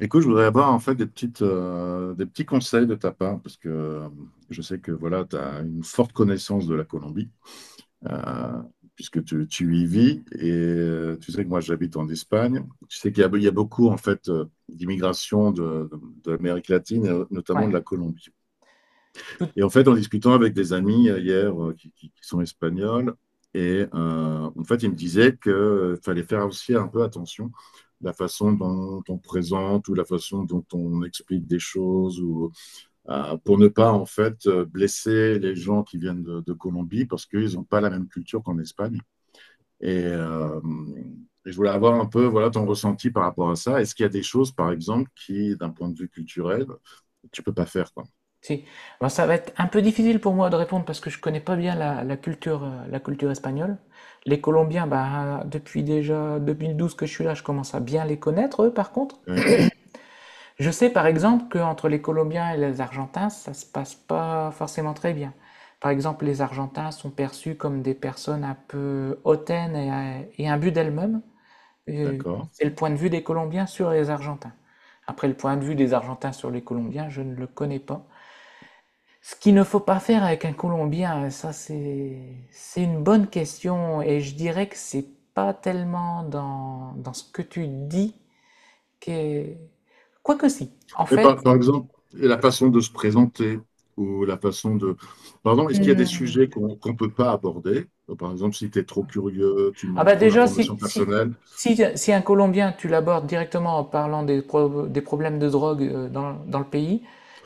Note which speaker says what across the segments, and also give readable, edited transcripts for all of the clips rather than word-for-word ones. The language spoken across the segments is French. Speaker 1: Écoute, je voudrais avoir en fait des des petits conseils de ta part, parce que je sais que voilà, tu as une forte connaissance de la Colombie, euh, puisque tu y vis, et tu sais que moi j'habite en Espagne. Tu sais il y a beaucoup en fait d'immigration de l'Amérique latine, et notamment
Speaker 2: Ouais,
Speaker 1: de la Colombie. Et en fait, en discutant avec des amis hier, qui sont espagnols, et en fait, ils me disaient qu'il fallait faire aussi un peu attention de la façon dont on présente ou la façon dont on explique des choses ou, pour ne pas en fait blesser les gens qui viennent de Colombie parce qu'ils n'ont pas la même culture qu'en Espagne. Et, euh, et je voulais avoir un peu voilà, ton ressenti par rapport à ça. Est-ce qu'il y a des choses, par exemple, qui, d'un point de vue culturel, tu peux pas faire, quoi.
Speaker 2: si. Alors, ça va être un peu difficile pour moi de répondre parce que je connais pas bien la culture, la culture espagnole. Les Colombiens, bah, depuis déjà 2012 que je suis là, je commence à bien les connaître, eux, par contre.
Speaker 1: Oui,
Speaker 2: Je sais par exemple qu'entre les Colombiens et les Argentins, ça se passe pas forcément très bien. Par exemple, les Argentins sont perçus comme des personnes un peu hautaines et imbues d'elles-mêmes. Et
Speaker 1: d'accord.
Speaker 2: C'est le point de vue des Colombiens sur les Argentins. Après, le point de vue des Argentins sur les Colombiens, je ne le connais pas. Ce qu'il ne faut pas faire avec un Colombien, ça c'est une bonne question et je dirais que c'est pas tellement dans, dans ce que tu dis que quoique si. En
Speaker 1: Mais
Speaker 2: fait,
Speaker 1: par exemple, la façon de se présenter ou la façon de... Pardon, est-ce qu'il y a des
Speaker 2: Hmm.
Speaker 1: sujets qu'on peut pas aborder? Par exemple, si tu es trop curieux, tu
Speaker 2: Ah
Speaker 1: demandes
Speaker 2: bah
Speaker 1: trop
Speaker 2: déjà si
Speaker 1: d'informations
Speaker 2: si
Speaker 1: personnelles.
Speaker 2: si, si un Colombien tu l'abordes directement en parlant des des problèmes de drogue dans le pays,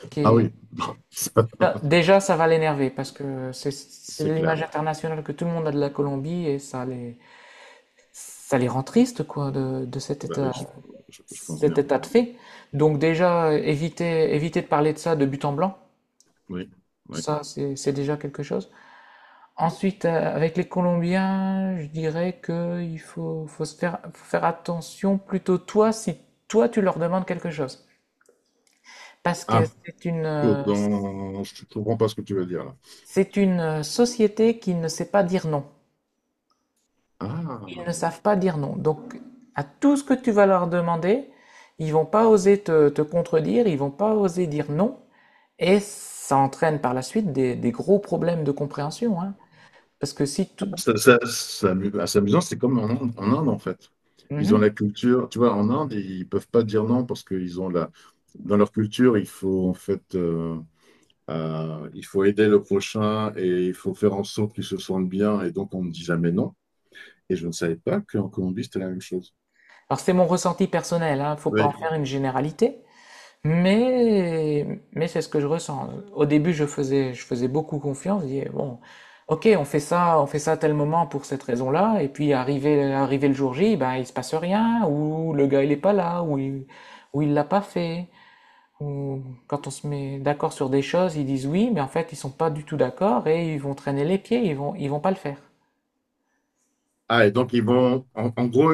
Speaker 2: qui
Speaker 1: Ah
Speaker 2: est-
Speaker 1: oui, ça,
Speaker 2: là, déjà ça va l'énerver parce que c'est
Speaker 1: c'est clair.
Speaker 2: l'image internationale que tout le monde a de la Colombie et ça les rend tristes quoi de
Speaker 1: Bah oui, je pense
Speaker 2: cet
Speaker 1: bien.
Speaker 2: état de fait. Donc déjà, éviter de parler de ça de but en blanc,
Speaker 1: Oui, oui.
Speaker 2: ça c'est déjà quelque chose. Ensuite, avec les Colombiens, je dirais que il faut faire attention plutôt toi si toi tu leur demandes quelque chose. Parce que
Speaker 1: Ah, que dans... je ne comprends pas ce que tu veux dire là.
Speaker 2: c'est une société qui ne sait pas dire non.
Speaker 1: Ah,
Speaker 2: Ils ne savent pas dire non. Donc à tout ce que tu vas leur demander, ils vont pas oser te contredire, ils vont pas oser dire non. Et ça entraîne par la suite des gros problèmes de compréhension, hein. Parce que si tout...
Speaker 1: c'est amusant, c'est comme en Inde, en Inde, en fait. Ils ont la
Speaker 2: Mhm.
Speaker 1: culture, tu vois, en Inde, ils peuvent pas dire non parce qu'ils ont la... Dans leur culture, il faut il faut aider le prochain et il faut faire en sorte qu'il se sente bien. Et donc, on ne dit jamais non. Et je ne savais pas qu'en Colombie, c'était la même chose.
Speaker 2: Alors c'est mon ressenti personnel, hein, faut pas en faire
Speaker 1: Oui.
Speaker 2: une généralité, mais, mais c'est ce que je ressens. Au début, je faisais beaucoup confiance, je disais, bon, ok, on fait ça à tel moment pour cette raison-là, et puis arrivé le jour J, ben, il se passe rien, ou le gars il est pas là, ou il l'a pas fait. on- Quand on se met d'accord sur des choses, ils disent oui, mais en fait, ils sont pas du tout d'accord et ils vont traîner les pieds, ils vont pas le faire.
Speaker 1: Ah, et donc, ils vont, en, en gros,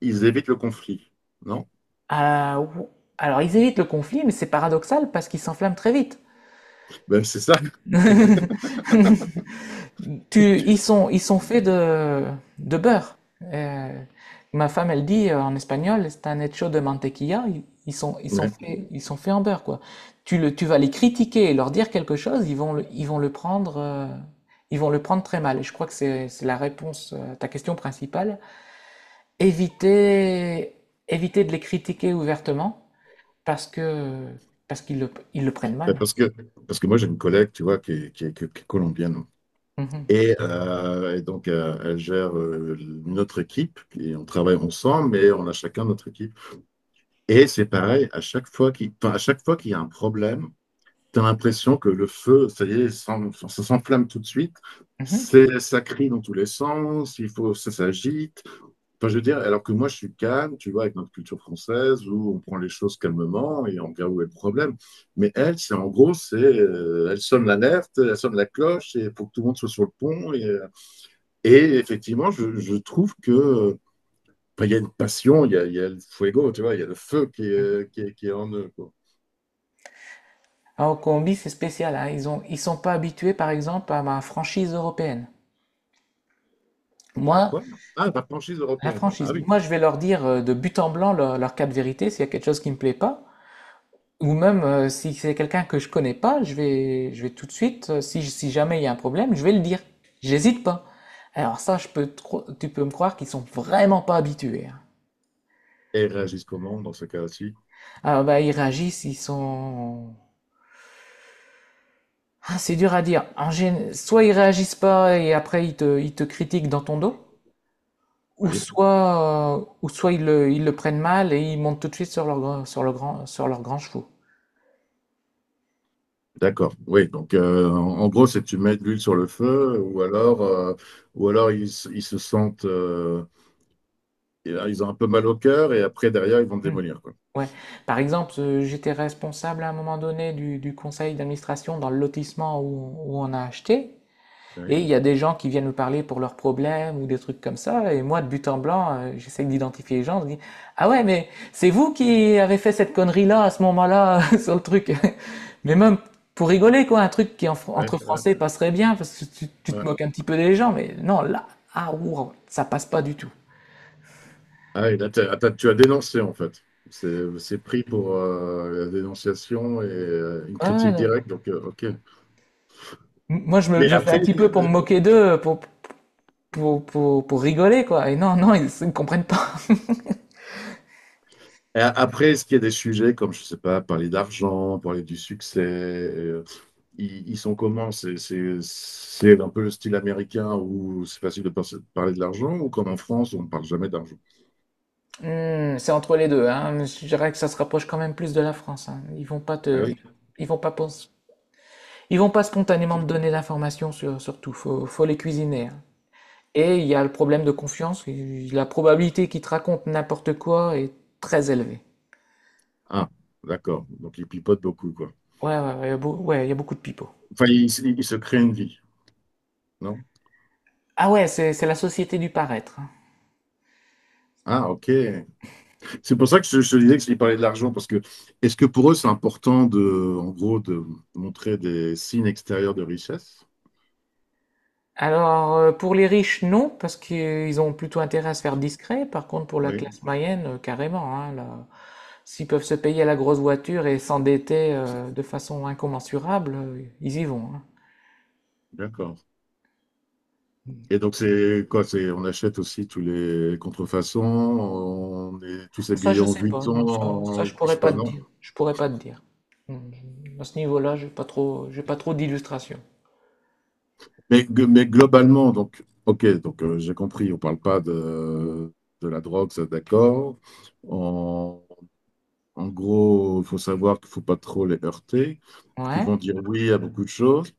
Speaker 1: ils évitent le conflit. Non?
Speaker 2: Ah, ou- alors, ils évitent le conflit, mais c'est paradoxal parce qu'ils s'enflamment très vite.
Speaker 1: Ben, c'est ça.
Speaker 2: Ils sont faits de beurre. Euh, Ma femme, elle dit en espagnol, c'est un hecho de mantequilla.
Speaker 1: Ouais.
Speaker 2: Ils sont faits en beurre, quoi. Tu vas les critiquer et leur dire quelque chose, ils vont le prendre très mal. Et je crois que c'est la réponse à ta question principale. Éviter, Éviter de les critiquer ouvertement parce que, parce qu'ils le prennent
Speaker 1: Ben,
Speaker 2: mal.
Speaker 1: parce que moi, j'ai une collègue, tu vois, qui est colombienne.
Speaker 2: Mhm.
Speaker 1: Et donc, elle gère notre équipe et on travaille ensemble, mais on a chacun notre équipe. Et c'est pareil, à chaque fois qu'il, enfin, à chaque fois qu'il y a un problème, tu as l'impression que le feu, ça y est, ça s'enflamme tout de suite.
Speaker 2: Mhm.
Speaker 1: Ça crie dans tous les sens, il faut, ça s'agite. Enfin, je veux dire, alors que moi, je suis calme, tu vois, avec notre culture française, où on prend les choses calmement et on regarde où est le problème. Mais elle, c'est en gros, c'est, elle sonne l'alerte, elle sonne la cloche, et pour que tout le monde soit sur le pont. Et effectivement, je trouve que, enfin, il y a une passion, il y a le fuego, tu vois, il y a le feu
Speaker 2: Mhm.
Speaker 1: qui est en eux, quoi.
Speaker 2: Ah, en Colombie, c'est spécial, hein. Ils sont pas habitués, par exemple, à ma franchise européenne.
Speaker 1: À
Speaker 2: Moi,
Speaker 1: quoi? Ah, la franchise européenne. Ah oui.
Speaker 2: Moi, je vais leur dire de but en blanc leur cas de vérité s'il y a quelque chose qui me plaît pas. Ou même si c'est quelqu'un que je connais pas, je vais tout de suite, si, si jamais il y a un problème, je vais le dire. J'hésite pas. Alors ça, je peux, te cro- tu peux me croire qu'ils sont vraiment pas habitués. Hein.
Speaker 1: Réagissent comment dans ce cas-ci.
Speaker 2: Alors bah, ils réagissent, ils sont, ah, c'est dur à dire. Soit ils réagissent pas et après ils te critiquent dans ton dos.
Speaker 1: Oui,
Speaker 2: Ou soit ils le prennent mal et ils montent tout de suite sur sur leur grand chevaux.
Speaker 1: d'accord. Oui, donc en en gros, c'est que tu mets de l'huile sur le feu, ou alors, ou alors ils se sentent, et là, ils ont un peu mal au cœur, et après derrière, ils vont te
Speaker 2: Hmm.
Speaker 1: démolir, quoi.
Speaker 2: Ouais. Par exemple, j'étais responsable à un moment donné du conseil d'administration dans le lotissement où on a acheté. Et
Speaker 1: Oui,
Speaker 2: il y a des gens qui viennent nous parler pour leurs problèmes ou des trucs comme ça. Et moi, de but en blanc, j'essaie d'identifier les gens. Je dis, ah ouais, mais c'est vous qui avez fait cette connerie-là à ce moment-là sur le truc. Mais même pour rigoler, quoi, un truc qui en
Speaker 1: ouais,
Speaker 2: entre
Speaker 1: ouais,
Speaker 2: français passerait bien parce que tu te moques
Speaker 1: ouais.
Speaker 2: un petit peu des gens. Mais non, là, ah, ouh, ça passe pas du tout.
Speaker 1: Ah, et là, tu as dénoncé en fait. C'est pris pour la dénonciation et une
Speaker 2: Ouais, ouais,
Speaker 1: critique
Speaker 2: non.
Speaker 1: directe, donc ok.
Speaker 2: Moi,
Speaker 1: Mais
Speaker 2: je fais un petit peu pour me moquer d'eux, pour rigoler, quoi. Et non, non, ils ne comprennent pas.
Speaker 1: après, est-ce qu'il y a des sujets comme, je sais pas, parler d'argent, parler du succès, euh, ils, ils sont comment? C'est un peu le style américain où c'est facile de parler de l'argent ou comme en France, on ne parle jamais d'argent?
Speaker 2: Hmm, c'est entre les deux, hein. Je dirais que ça se rapproche quand même plus de la France, hein.
Speaker 1: Ah oui?
Speaker 2: Ils vont pas penser, ils vont pas spontanément te donner l'information sur, sur tout. Faut les cuisiner, hein. Et il y a le problème de confiance. La probabilité qu'ils te racontent n'importe quoi est très élevée.
Speaker 1: Ah, d'accord. Donc ils pipotent beaucoup, quoi.
Speaker 2: Ouais, ouais, ouais, il y a beau- ouais, il y a beaucoup de pipeaux.
Speaker 1: Enfin, ils se créent une vie, non?
Speaker 2: Ah ouais, c'est la société du paraître. Hein.
Speaker 1: Ah, ok. C'est pour ça que je te disais que s'ils parlaient de l'argent, parce que est-ce que pour eux, c'est important de, en gros, de montrer des signes extérieurs de richesse?
Speaker 2: Alors, pour les riches, non, parce qu'ils ont plutôt intérêt à se faire discret. Par contre, pour la
Speaker 1: Oui,
Speaker 2: classe moyenne, carrément, hein, là. S'ils peuvent se payer la grosse voiture et s'endetter de façon incommensurable, ils y vont. Hein.
Speaker 1: d'accord. Et donc, c'est quoi? C'est, on achète aussi tous les contrefaçons, on est tous
Speaker 2: Ça,
Speaker 1: habillés
Speaker 2: je
Speaker 1: en
Speaker 2: sais pas. Non,
Speaker 1: Vuitton, en,
Speaker 2: je
Speaker 1: je sais
Speaker 2: pourrais pas
Speaker 1: pas,
Speaker 2: te
Speaker 1: non?
Speaker 2: dire. Je pourrais pas te dire. Hum, À ce niveau-là, j'ai pas trop d'illustrations.
Speaker 1: Mais globalement, donc, ok, j'ai compris, on parle pas de la drogue, ça d'accord. En, en gros, il faut savoir qu'il faut pas trop les heurter, qu'ils
Speaker 2: Ouais,
Speaker 1: vont dire oui à beaucoup de choses.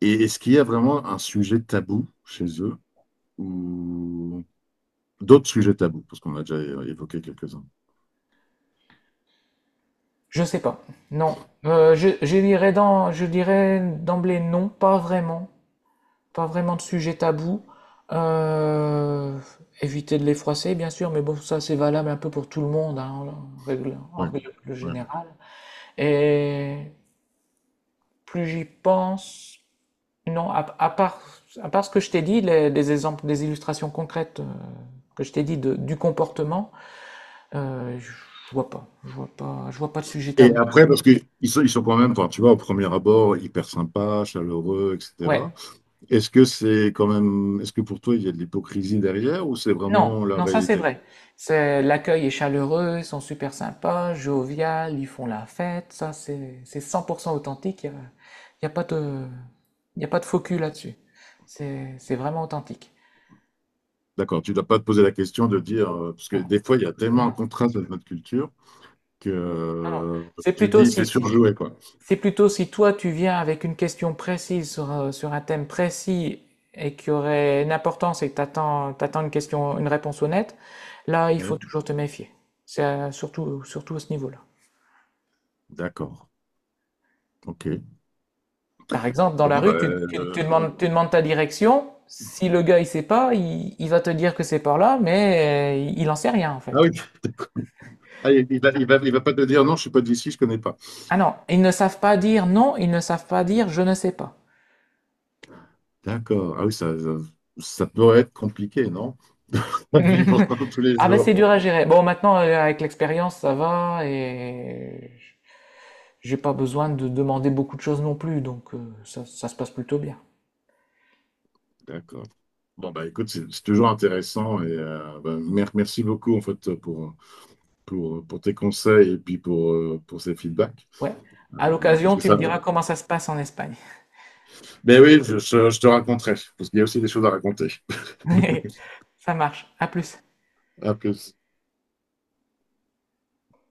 Speaker 1: Et est-ce qu'il y a vraiment un sujet tabou chez eux ou d'autres sujets tabous, parce qu'on a déjà évoqué quelques-uns.
Speaker 2: je sais pas. Non, je dirais je dirais d'emblée non, pas vraiment de sujet tabou. Euh, Éviter de les froisser, bien sûr, mais bon, ça c'est valable un peu pour tout le monde, hein, en
Speaker 1: Ouais,
Speaker 2: règle
Speaker 1: ouais.
Speaker 2: générale. Et plus j'y pense, non, à part ce que je t'ai dit, des exemples, des illustrations concrètes que je t'ai dit du comportement, euh, je je vois pas, je vois pas de sujet
Speaker 1: Et
Speaker 2: tabou.
Speaker 1: après, parce qu'ils sont, ils sont quand même, enfin, tu vois, au premier abord, hyper sympas, chaleureux,
Speaker 2: Ouais,
Speaker 1: etc. Est-ce que c'est quand même, est-ce que pour toi, il y a de l'hypocrisie derrière ou c'est
Speaker 2: non,
Speaker 1: vraiment la
Speaker 2: non, ça c'est
Speaker 1: réalité?
Speaker 2: vrai. C'est L'accueil est chaleureux, ils sont super sympas, jovial, ils font la fête, ça c'est 100% authentique. Y a pas de, y a pas de faux cul là-dessus. C'est vraiment authentique.
Speaker 1: D'accord, tu ne dois pas te poser la question de dire, parce que
Speaker 2: Non,
Speaker 1: des fois, il y a
Speaker 2: non,
Speaker 1: tellement un
Speaker 2: non,
Speaker 1: contraste avec notre culture que
Speaker 2: non, non.
Speaker 1: euh,
Speaker 2: C'est
Speaker 1: tu te
Speaker 2: plutôt
Speaker 1: dis,
Speaker 2: si
Speaker 1: c'est surjoué, quoi.
Speaker 2: C'est plutôt si toi tu viens avec une question précise sur, sur un thème précis et qui aurait une importance et que t'attends une réponse honnête, là il
Speaker 1: Ouais,
Speaker 2: faut toujours te méfier. C'est surtout à ce niveau-là.
Speaker 1: d'accord, ok.
Speaker 2: Par exemple, dans
Speaker 1: Bon,
Speaker 2: la
Speaker 1: ben,
Speaker 2: rue,
Speaker 1: euh,
Speaker 2: tu demandes ta direction. Si le gars il sait pas, il va te dire que c'est par là, mais il en sait rien en
Speaker 1: ah
Speaker 2: fait.
Speaker 1: oui, Ah, il va, il va pas te dire, non, je suis pas d'ici, je connais pas.
Speaker 2: Ah non, ils ne savent pas dire non, ils ne savent pas dire je ne sais pas.
Speaker 1: D'accord, ah oui, ça peut être compliqué, non? À vivre tous les
Speaker 2: Ah ben c'est dur
Speaker 1: jours.
Speaker 2: à gérer. Bon, maintenant avec l'expérience, ça va et j'ai pas besoin de demander beaucoup de choses non plus, donc ça se passe plutôt bien.
Speaker 1: D'accord. Bon, bah écoute, c'est toujours intéressant et ben, merci beaucoup en fait pour, pour tes conseils et puis pour ces feedbacks.
Speaker 2: Ouais. À
Speaker 1: Parce
Speaker 2: l'occasion,
Speaker 1: que
Speaker 2: tu
Speaker 1: ça,
Speaker 2: me diras comment ça se passe en Espagne.
Speaker 1: mais oui, je te raconterai, parce qu'il y a aussi des choses à raconter.
Speaker 2: Ça marche. À plus.
Speaker 1: À plus.